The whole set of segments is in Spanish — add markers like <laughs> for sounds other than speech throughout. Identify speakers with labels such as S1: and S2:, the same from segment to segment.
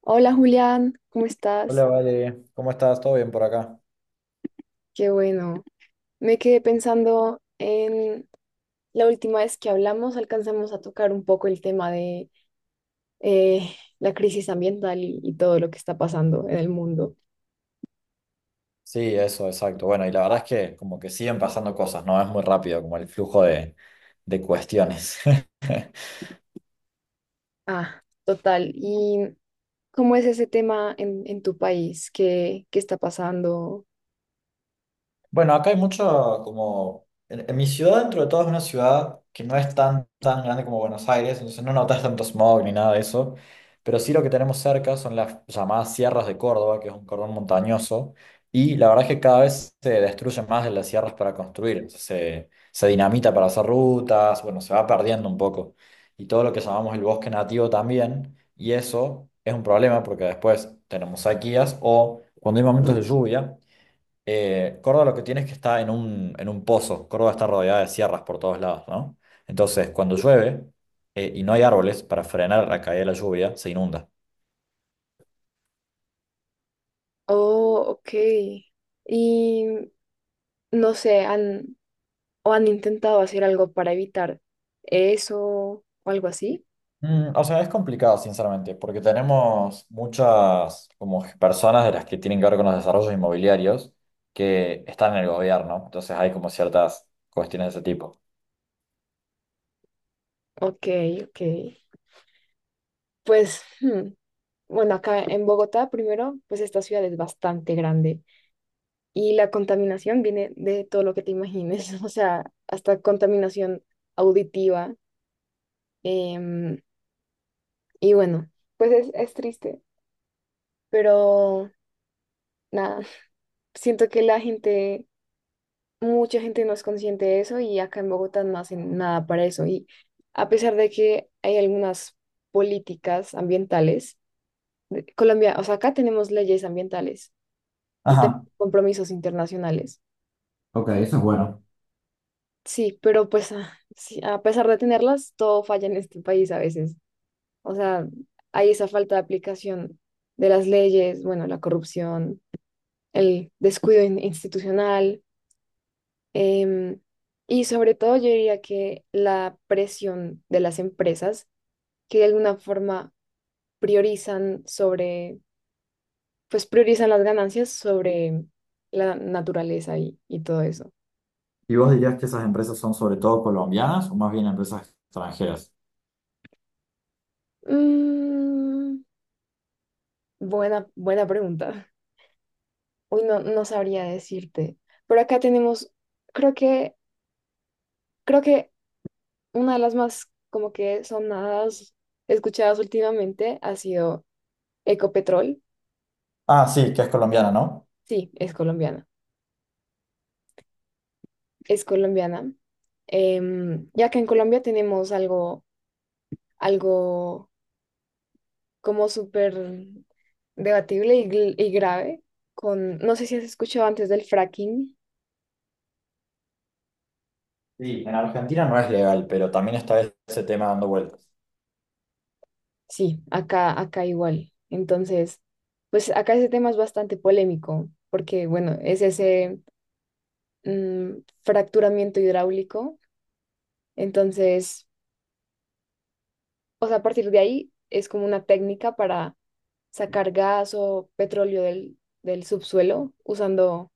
S1: Hola Julián, ¿cómo
S2: Hola,
S1: estás?
S2: Vale, ¿cómo estás? ¿Todo bien por acá?
S1: Qué bueno. Me quedé pensando en la última vez que hablamos, alcanzamos a tocar un poco el tema de eh, la crisis ambiental y todo lo que está pasando en el mundo.
S2: Sí, eso, exacto. Bueno, y la verdad es que como que siguen pasando cosas, ¿no? Es muy rápido como el flujo de cuestiones. <laughs>
S1: Ah, total. ¿Y cómo es ese tema en tu país? ¿Qué está pasando?
S2: Bueno, acá hay mucho como... En mi ciudad, dentro de todo, es una ciudad que no es tan grande como Buenos Aires, entonces no notas tanto smog ni nada de eso, pero sí lo que tenemos cerca son las llamadas Sierras de Córdoba, que es un cordón montañoso, y la verdad es que cada vez se destruyen más de las sierras para construir, entonces se dinamita para hacer rutas, bueno, se va perdiendo un poco, y todo lo que llamamos el bosque nativo también, y eso es un problema porque después tenemos sequías o cuando hay momentos de lluvia. Córdoba lo que tiene es que está en un pozo. Córdoba está rodeada de sierras por todos lados, ¿no? Entonces, cuando llueve y no hay árboles para frenar la caída de la lluvia, se inunda.
S1: Oh, ok. Y no sé, o han intentado hacer algo para evitar eso o algo así?
S2: Mm, o sea, es complicado, sinceramente, porque tenemos muchas como personas de las que tienen que ver con los desarrollos inmobiliarios que están en el gobierno. Entonces hay como ciertas cuestiones de ese tipo.
S1: Ok, ok. Pues, hmm, bueno, acá en Bogotá, primero, pues esta ciudad es bastante grande y la contaminación viene de todo lo que te imagines, <laughs> o sea, hasta contaminación auditiva. em, y bueno, pues es triste, pero nada, <laughs> siento que mucha gente no es consciente de eso y acá en Bogotá no hacen nada para eso. Y a pesar de que hay algunas políticas ambientales, Colombia, o sea, acá tenemos leyes ambientales y tengo
S2: Ajá.
S1: compromisos internacionales.
S2: Ok, eso es bueno.
S1: Sí, pero pues ah, sí, a pesar de tenerlas, todo falla en este país a veces. O sea, hay esa falta de aplicación de las leyes, bueno, la corrupción, el descuido institucional, em, y sobre todo yo diría que la presión de las empresas que de alguna forma priorizan sobre, pues priorizan las ganancias sobre la naturaleza y todo eso.
S2: ¿Y vos dirías que esas empresas son sobre todo colombianas o más bien empresas extranjeras?
S1: Mm, buena pregunta. Uy, no sabría decirte. Pero acá tenemos, creo que, creo que una de las más como que sonadas escuchadas últimamente ha sido Ecopetrol.
S2: Ah, sí, que es colombiana, ¿no?
S1: Sí, es colombiana. Es colombiana. Em, ya que en Colombia tenemos algo, algo como súper debatible y grave con, no sé si has escuchado antes del fracking.
S2: Sí, en Argentina no es legal, pero también está ese tema dando vueltas.
S1: Sí, acá igual. Entonces, pues acá ese tema es bastante polémico, porque bueno, es ese mm, fracturamiento hidráulico. Entonces, o sea, a partir de ahí es como una técnica para sacar gas o petróleo del subsuelo usando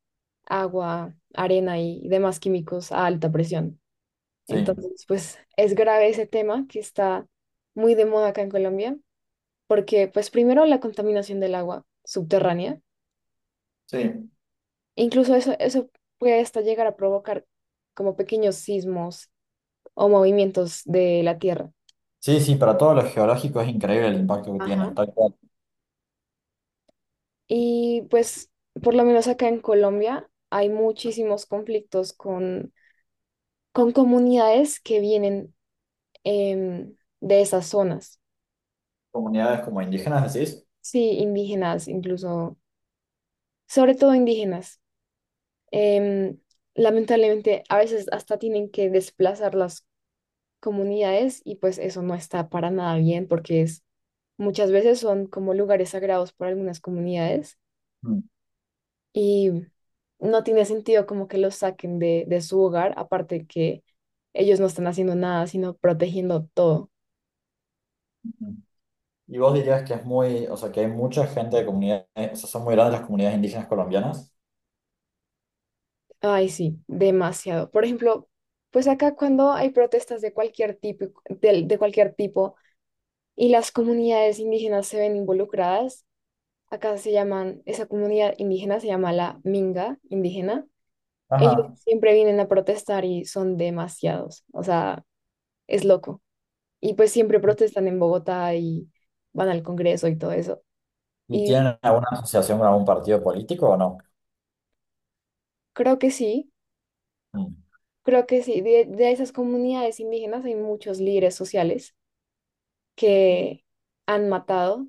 S1: agua, arena y demás químicos a alta presión.
S2: Sí.
S1: Entonces, pues es grave ese tema que está muy de moda acá en Colombia, porque pues primero la contaminación del agua subterránea.
S2: Sí,
S1: Incluso eso puede hasta llegar a provocar como pequeños sismos o movimientos de la Tierra.
S2: sí, sí, para todos los geológicos es increíble el impacto que tiene.
S1: Ajá.
S2: Está en
S1: Y pues, por lo menos acá en Colombia, hay muchísimos conflictos con comunidades que vienen de esas zonas.
S2: comunidades como indígenas, decís.
S1: Sí, indígenas, incluso, sobre todo indígenas. Em, Lamentablemente, a veces hasta tienen que desplazarlas comunidades y pues eso no está para nada bien porque es muchas veces son como lugares sagrados para algunas comunidades
S2: Mm.
S1: y no tiene sentido como que los saquen de su hogar, aparte que ellos no están haciendo nada, sino protegiendo todo.
S2: Y vos dirías que es muy, o sea, que hay mucha gente de comunidades, o sea, son muy grandes las comunidades indígenas colombianas.
S1: Ay, sí, demasiado. Por ejemplo, pues acá cuando hay protestas de cualquier tipo, de cualquier tipo y las comunidades indígenas se ven involucradas, acá se llaman, esa comunidad indígena se llama la Minga indígena. Ellos
S2: Ajá.
S1: siempre vienen a protestar y son demasiados, o sea, es loco. Y pues siempre protestan en Bogotá y van al Congreso y todo eso.
S2: ¿Y
S1: Y
S2: tienen alguna asociación con algún partido político o no?
S1: creo que sí,
S2: Mm.
S1: creo que sí. De esas comunidades indígenas hay muchos líderes sociales que han matado,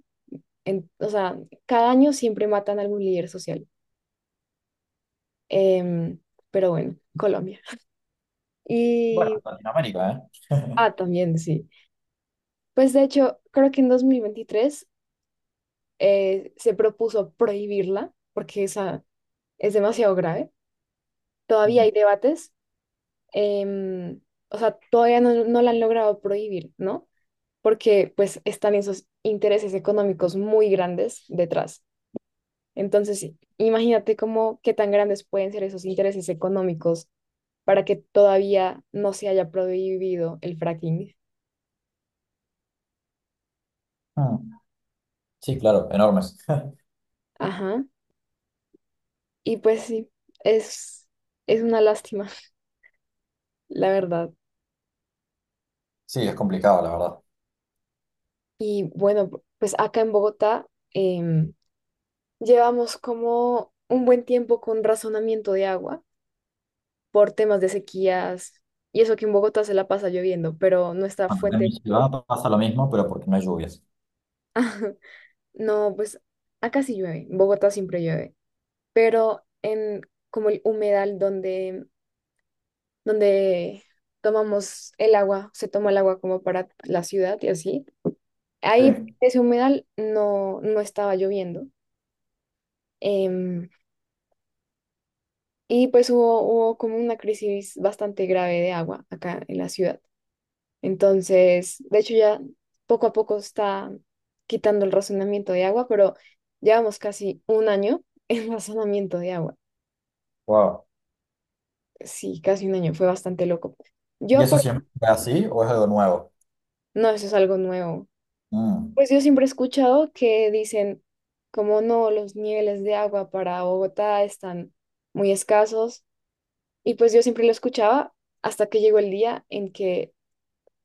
S1: o sea, cada año siempre matan a algún líder social. Em, pero bueno, Colombia.
S2: Bueno,
S1: Y,
S2: Latinoamérica, ¿eh? <laughs>
S1: ah, también sí. Pues de hecho, creo que en 2023 se propuso prohibirla porque esa es demasiado grave. Todavía
S2: Mm.
S1: hay debates, em, o sea, todavía no la han logrado prohibir, ¿no? Porque pues están esos intereses económicos muy grandes detrás. Entonces, sí, imagínate cómo qué tan grandes pueden ser esos intereses económicos para que todavía no se haya prohibido el fracking.
S2: Mm. Sí, claro, enormes. <laughs>
S1: Ajá. Y pues sí, es, es una lástima, <laughs> la verdad.
S2: Sí, es complicado, la verdad.
S1: Y bueno, pues acá en Bogotá em, llevamos como un buen tiempo con razonamiento de agua por temas de sequías y eso que en Bogotá se la pasa lloviendo, pero nuestra
S2: Bueno, en mi
S1: fuente...
S2: ciudad pasa lo mismo, pero porque no hay lluvias.
S1: <laughs> No, pues acá sí llueve, en Bogotá siempre llueve, pero en como el humedal donde tomamos el agua, se toma el agua como para la ciudad y así, ahí
S2: Sí.
S1: ese humedal no estaba lloviendo. em, Y pues hubo como una crisis bastante grave de agua acá en la ciudad. Entonces, de hecho ya poco a poco está quitando el razonamiento de agua, pero llevamos casi un año en <laughs> razonamiento de agua.
S2: Wow.
S1: Sí, casi un año, fue bastante loco.
S2: ¿Y
S1: Yo
S2: eso
S1: por...
S2: siempre fue así o es algo nuevo?
S1: No, eso es algo nuevo.
S2: Mm.
S1: Pues yo siempre he escuchado que dicen como no, los niveles de agua para Bogotá están muy escasos. Y pues yo siempre lo escuchaba hasta que llegó el día en que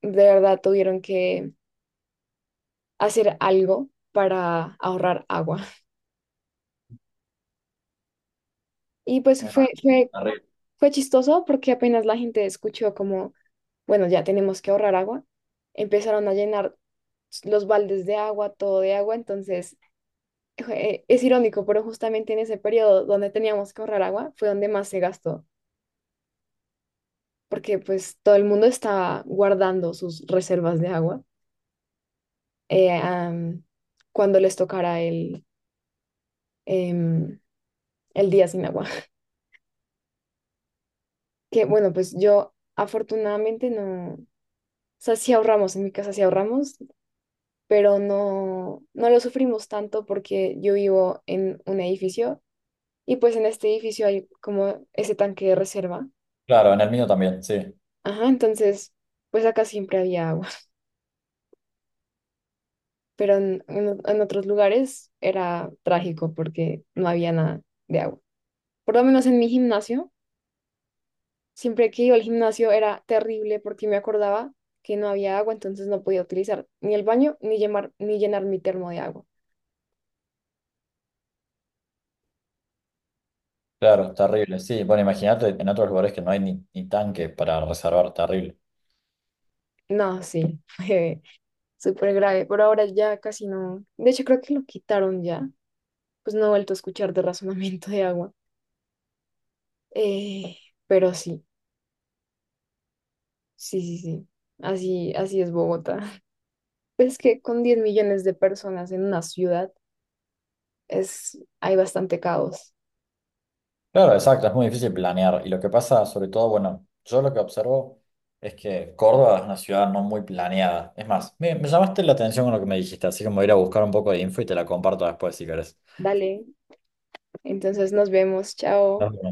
S1: de verdad tuvieron que hacer algo para ahorrar agua. <laughs> Y pues
S2: Me imagino, terrible.
S1: fue chistoso porque apenas la gente escuchó como, bueno, ya tenemos que ahorrar agua, empezaron a llenar los baldes de agua, todo de agua, entonces es irónico, pero justamente en ese periodo donde teníamos que ahorrar agua fue donde más se gastó, porque pues todo el mundo estaba guardando sus reservas de agua eh, am, cuando les tocara em, el día sin agua. Que bueno, pues yo afortunadamente no, o sea, sí ahorramos, en mi casa sí ahorramos, pero no lo sufrimos tanto porque yo vivo en un edificio y pues en este edificio hay como ese tanque de reserva.
S2: Claro, en el mío también, sí.
S1: Ajá, entonces, pues acá siempre había agua, <laughs> pero en otros lugares era trágico porque no había nada de agua. Por lo menos en mi gimnasio. Siempre que iba al gimnasio era terrible porque me acordaba que no había agua, entonces no podía utilizar ni el baño ni llenar mi termo de agua.
S2: Claro, terrible. Sí, bueno, imagínate en otros lugares que no hay ni tanque para reservar, terrible.
S1: No, sí, <laughs> fue súper grave, pero ahora ya casi no. De hecho, creo que lo quitaron ya, pues no he vuelto a escuchar de razonamiento de agua. Eh, pero sí, sí, así, así es Bogotá. <laughs> Es que con 10 millones de personas en una ciudad es, hay bastante caos.
S2: Claro, exacto, es muy difícil planear. Y lo que pasa, sobre todo, bueno, yo lo que observo es que Córdoba es una ciudad no muy planeada. Es más, me llamaste la atención con lo que me dijiste, así que me voy a ir a buscar un poco de info y te la comparto después si querés.
S1: Dale, entonces nos vemos, chao.
S2: Dale.